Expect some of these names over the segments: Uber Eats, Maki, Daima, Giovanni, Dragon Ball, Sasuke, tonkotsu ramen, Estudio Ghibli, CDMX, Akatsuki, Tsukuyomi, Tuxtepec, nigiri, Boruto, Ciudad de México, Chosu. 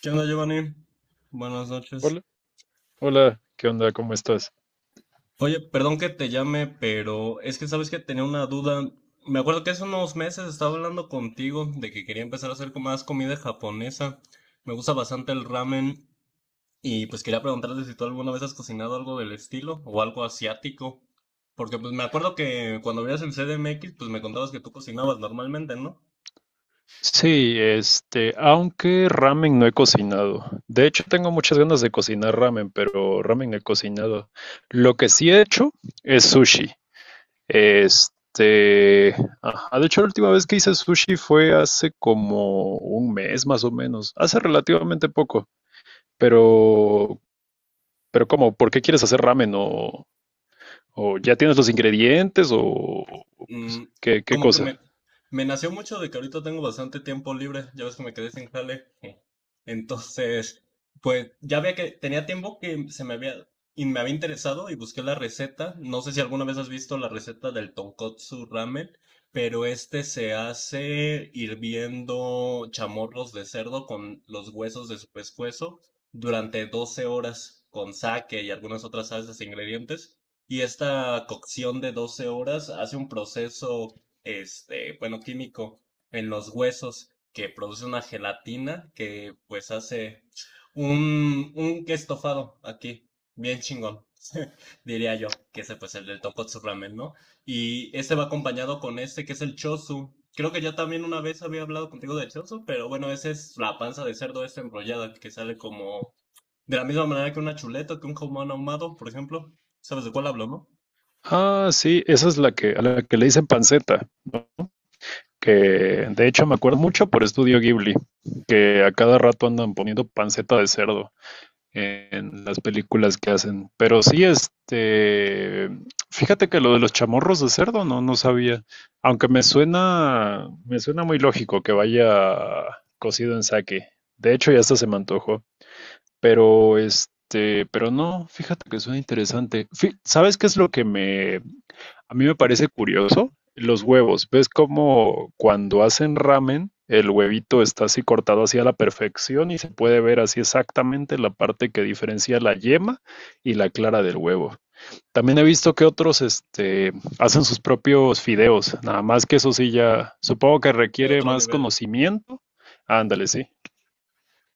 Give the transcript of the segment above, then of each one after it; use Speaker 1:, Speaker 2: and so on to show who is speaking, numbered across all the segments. Speaker 1: ¿Qué onda, Giovanni? Buenas noches.
Speaker 2: Hola, ¿qué onda? ¿Cómo estás?
Speaker 1: Oye, perdón que te llame, pero es que sabes que tenía una duda. Me acuerdo que hace unos meses estaba hablando contigo de que quería empezar a hacer como más comida japonesa. Me gusta bastante el ramen y pues quería preguntarte si tú alguna vez has cocinado algo del estilo o algo asiático. Porque pues me acuerdo que cuando veías el CDMX, pues me contabas que tú cocinabas normalmente, ¿no?
Speaker 2: Sí, aunque ramen no he cocinado. De hecho, tengo muchas ganas de cocinar ramen, pero ramen no he cocinado. Lo que sí he hecho es sushi. Este, ajá, de hecho, la última vez que hice sushi fue hace como un mes más o menos, hace relativamente poco. Pero, pero ¿cómo? ¿Por qué quieres hacer ramen? ¿O ya tienes los ingredientes? ¿O pues,
Speaker 1: Mm,
Speaker 2: qué
Speaker 1: Como que
Speaker 2: cosa?
Speaker 1: me nació mucho de que ahorita tengo bastante tiempo libre, ya ves que me quedé sin jale. Entonces, pues ya veía que tenía tiempo que se me había, y me había interesado y busqué la receta. No sé si alguna vez has visto la receta del tonkotsu ramen, pero este se hace hirviendo chamorros de cerdo con los huesos de su pescuezo durante 12 horas con sake y algunas otras salsas e ingredientes. Y esta cocción de 12 horas hace un proceso, este, bueno, químico en los huesos que produce una gelatina que pues hace un estofado aquí, bien chingón, diría yo, que ese pues el del Tokotsu Ramen, ¿no? Y este va acompañado con este que es el Chosu. Creo que ya también una vez había hablado contigo del Chosu, pero bueno, esa es la panza de cerdo esta enrollada que sale como de la misma manera que una chuleta, que un jamón ahumado, por ejemplo. ¿Sabes de cuál hablo, no?
Speaker 2: Ah, sí, esa es a la que le dicen panceta, que de hecho me acuerdo mucho por Estudio Ghibli, que a cada rato andan poniendo panceta de cerdo en las películas que hacen. Pero sí, fíjate que lo de los chamorros de cerdo no sabía, aunque me suena muy lógico que vaya cocido en sake. De hecho, ya hasta se me antojó. Pero pero no, fíjate que suena interesante. ¿Sabes qué es lo que me a mí me parece curioso? Los huevos. ¿Ves cómo cuando hacen ramen el huevito está así cortado así a la perfección y se puede ver así exactamente la parte que diferencia la yema y la clara del huevo? También he visto que otros hacen sus propios fideos, nada más que eso sí ya supongo que
Speaker 1: De
Speaker 2: requiere
Speaker 1: otro
Speaker 2: más
Speaker 1: nivel.
Speaker 2: conocimiento. Ándale, sí.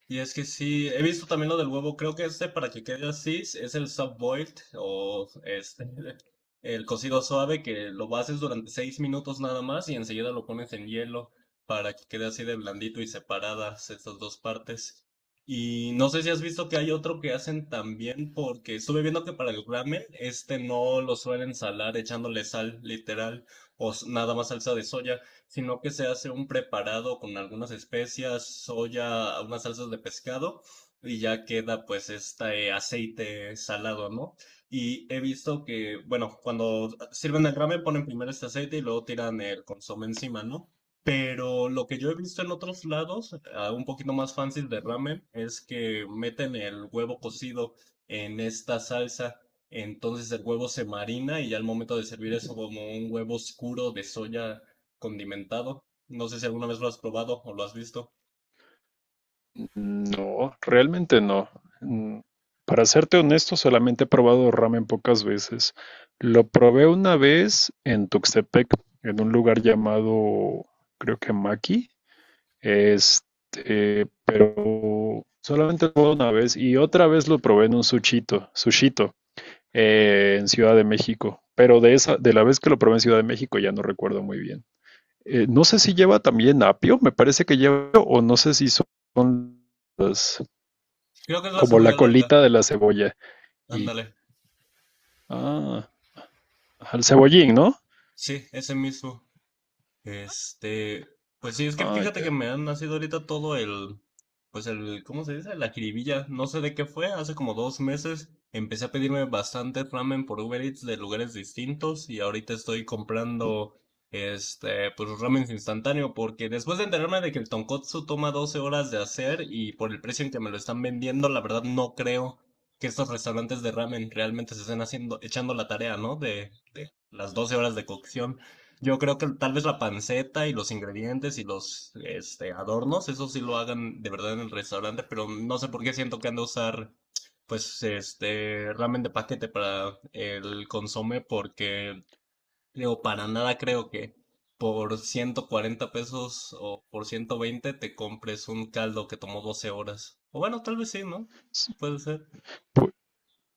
Speaker 1: Y es que sí, he visto también lo del huevo, creo que este para que quede así es el sub-boiled o este, el cocido suave que lo haces durante 6 minutos nada más y enseguida lo pones en hielo para que quede así de blandito y separadas estas dos partes. Y no sé si has visto que hay otro que hacen también porque estuve viendo que para el ramen este no lo suelen salar echándole sal literal o nada más salsa de soya, sino que se hace un preparado con algunas especias, soya, unas salsas de pescado y ya queda pues este aceite salado, ¿no? Y he visto que, bueno, cuando sirven el ramen ponen primero este aceite y luego tiran el consomé encima, ¿no? Pero lo que yo he visto en otros lados, ah, un poquito más fancy de ramen, es que meten el huevo cocido en esta salsa. Entonces el huevo se marina y ya al momento de servir es como un huevo oscuro de soya condimentado. No sé si alguna vez lo has probado o lo has visto.
Speaker 2: No, realmente no. Mm, para serte honesto, solamente he probado ramen pocas veces. Lo probé una vez en Tuxtepec, en un lugar llamado, creo que Maki. Pero solamente lo probé una vez y otra vez lo probé en un sushito, en Ciudad de México. Pero de esa, de la vez que lo probé en Ciudad de México ya no recuerdo muy bien. No sé si lleva también apio, me parece que lleva, apio, o no sé si son las
Speaker 1: Creo que es la
Speaker 2: como la
Speaker 1: cebolla larga.
Speaker 2: colita de la cebolla. Y,
Speaker 1: Ándale.
Speaker 2: ah, al cebollín, ¿no?
Speaker 1: Sí, ese mismo. Este, pues sí, es que
Speaker 2: Ah,
Speaker 1: fíjate que
Speaker 2: ya.
Speaker 1: me han nacido ahorita todo el, pues el, ¿cómo se dice? La jiribilla. No sé de qué fue, hace como 2 meses empecé a pedirme bastante ramen por Uber Eats de lugares distintos y ahorita estoy comprando, este, pues ramen instantáneo, porque después de enterarme de que el tonkotsu toma 12 horas de hacer y por el precio en que me lo están vendiendo, la verdad no creo que estos restaurantes de ramen realmente se estén haciendo, echando la tarea, ¿no? De las 12 horas de cocción. Yo creo que tal vez la panceta y los ingredientes y los este, adornos, eso sí lo hagan de verdad en el restaurante, pero no sé por qué siento que han de usar pues este ramen de paquete para el consomé, porque digo, para nada creo que por 140 pesos o por 120 te compres un caldo que tomó 12 horas. O bueno, tal vez sí, ¿no?
Speaker 2: S-
Speaker 1: Puede ser.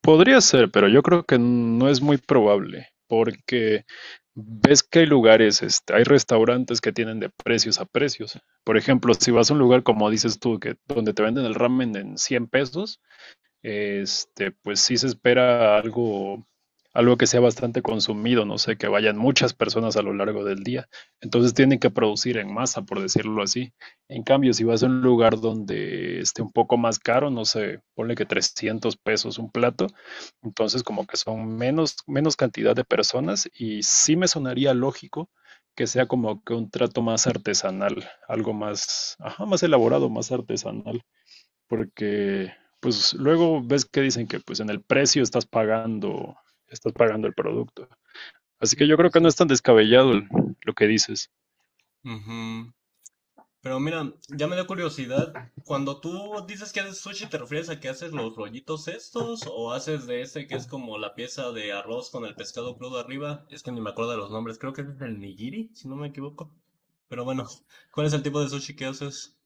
Speaker 2: Podría ser, pero yo creo que no es muy probable, porque ves que hay lugares, hay restaurantes que tienen de precios a precios. Por ejemplo, si vas a un lugar como dices tú, que donde te venden el ramen en 100 pesos, pues sí se espera algo que sea bastante consumido, no sé, que vayan muchas personas a lo largo del día. Entonces tienen que producir en masa, por decirlo así. En cambio, si vas a un lugar donde esté un poco más caro, no sé, ponle que 300 pesos un plato, entonces como que son menos cantidad de personas y sí me sonaría lógico que sea como que un trato más artesanal, algo más, ajá, más elaborado, más artesanal porque pues luego ves que dicen que pues en el precio estás estás pagando el producto. Así
Speaker 1: Mm,
Speaker 2: que yo creo
Speaker 1: puede
Speaker 2: que no
Speaker 1: ser.
Speaker 2: es tan descabellado lo que dices.
Speaker 1: Ujú. Pero mira, ya me dio curiosidad. Cuando tú dices que haces sushi, ¿te refieres a que haces los rollitos estos o haces de ese que es como la pieza de arroz con el pescado crudo arriba? Es que ni me acuerdo de los nombres, creo que es el nigiri, si no me equivoco. Pero bueno, ¿cuál es el tipo de sushi que haces?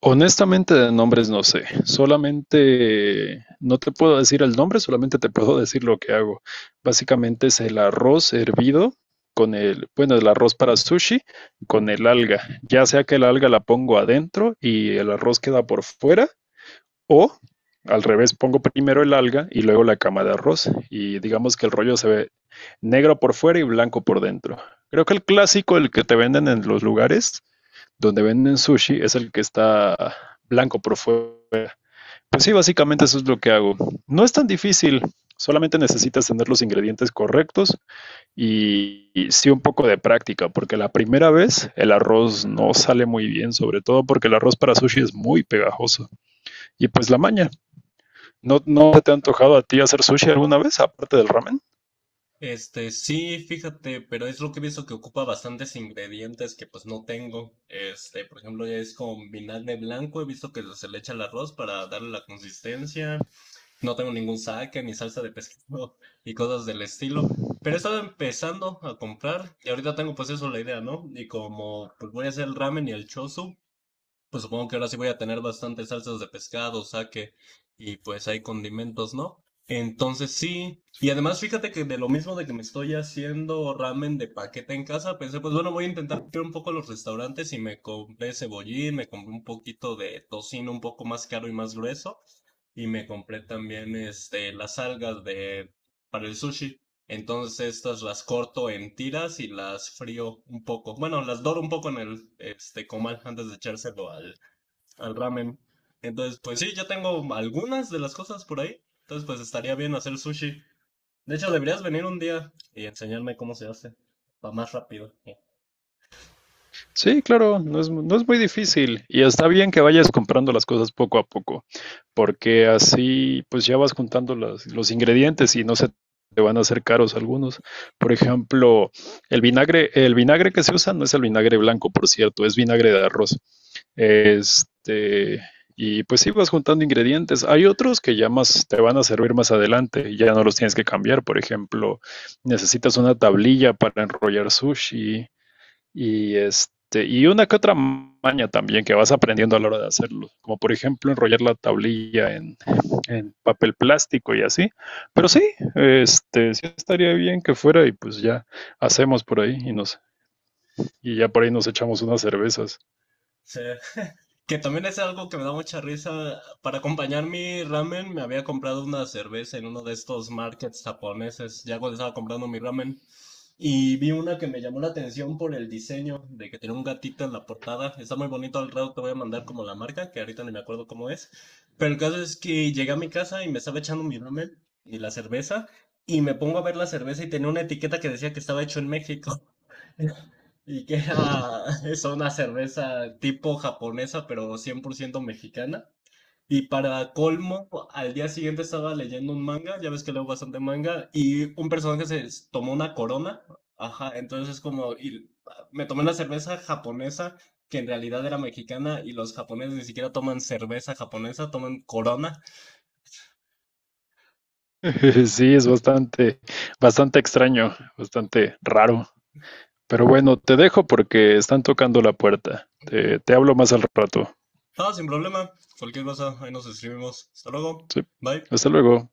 Speaker 2: Honestamente de nombres no sé, solamente no te puedo decir el nombre, solamente te puedo decir lo que hago. Básicamente es el arroz hervido con el arroz para sushi con el alga, ya sea que el alga la pongo adentro y el arroz queda por fuera, o al revés, pongo primero el alga y luego la cama de arroz y digamos que el rollo se ve negro por fuera y blanco por dentro. Creo que el clásico, el que te venden en los lugares donde venden sushi, es el que está blanco por fuera. Pues sí, básicamente eso es lo que hago. No es tan difícil, solamente necesitas tener los ingredientes correctos y sí un poco de práctica, porque la primera vez el arroz no sale muy bien, sobre todo porque el arroz para sushi es muy pegajoso. Y pues la maña, ¿no te ha antojado a ti hacer sushi alguna vez, aparte del ramen?
Speaker 1: Este, sí, fíjate, pero es lo que he visto que ocupa bastantes ingredientes que pues no tengo. Este, por ejemplo, ya es con vinagre blanco, he visto que se le echa al arroz para darle la consistencia. No tengo ningún saque ni salsa de pescado y cosas del estilo. Pero he estado empezando a comprar y ahorita tengo pues eso, la idea, ¿no? Y como pues voy a hacer el ramen y el chosu, pues supongo que ahora sí voy a tener bastantes salsas de pescado, saque y pues hay condimentos, ¿no? Entonces sí. Y además fíjate que de lo mismo de que me estoy haciendo ramen de paquete en casa, pensé, pues bueno, voy a intentar ir un poco a los restaurantes y me compré cebollín, me compré un poquito de tocino un poco más caro y más grueso y me compré también este las algas de para el sushi. Entonces estas las corto en tiras y las frío un poco. Bueno, las doro un poco en el este comal antes de echárselo al, al ramen. Entonces, pues sí, ya tengo algunas de las cosas por ahí. Entonces, pues estaría bien hacer sushi. De hecho, deberías venir un día y enseñarme cómo se hace. Va más rápido.
Speaker 2: Sí, claro, no es muy difícil y está bien que vayas comprando las cosas poco a poco, porque así pues ya vas juntando los ingredientes y no se te van a hacer caros algunos. Por ejemplo, el vinagre que se usa no es el vinagre blanco, por cierto, es vinagre de arroz. Este, y pues sí vas juntando ingredientes. Hay otros que ya más te van a servir más adelante y ya no los tienes que cambiar. Por ejemplo, necesitas una tablilla para enrollar sushi y y una que otra maña también que vas aprendiendo a la hora de hacerlo. Como por ejemplo enrollar la tablilla en papel plástico y así. Pero sí, este sí estaría bien que fuera y pues ya hacemos por ahí y ya por ahí nos echamos unas cervezas.
Speaker 1: Sí. Que también es algo que me da mucha risa. Para acompañar mi ramen, me había comprado una cerveza en uno de estos markets japoneses. Ya cuando estaba comprando mi ramen, y vi una que me llamó la atención por el diseño de que tiene un gatito en la portada. Está muy bonito, al rato te voy a mandar como la marca, que ahorita ni me acuerdo cómo es. Pero el caso es que llegué a mi casa y me estaba echando mi ramen y la cerveza. Y me pongo a ver la cerveza y tenía una etiqueta que decía que estaba hecho en México. Y que era, es una cerveza tipo japonesa, pero 100% mexicana. Y para colmo, al día siguiente estaba leyendo un manga, ya ves que leo bastante manga, y un personaje se tomó una corona, ajá, entonces es como, y me tomé una cerveza japonesa, que en realidad era mexicana, y los japoneses ni siquiera toman cerveza japonesa, toman corona.
Speaker 2: Sí, es bastante extraño, bastante raro. Pero bueno, te dejo porque están tocando la puerta. Te hablo más al rato.
Speaker 1: Ah, sin problema, cualquier cosa, ahí nos escribimos. Hasta luego,
Speaker 2: Sí.
Speaker 1: bye.
Speaker 2: Hasta luego.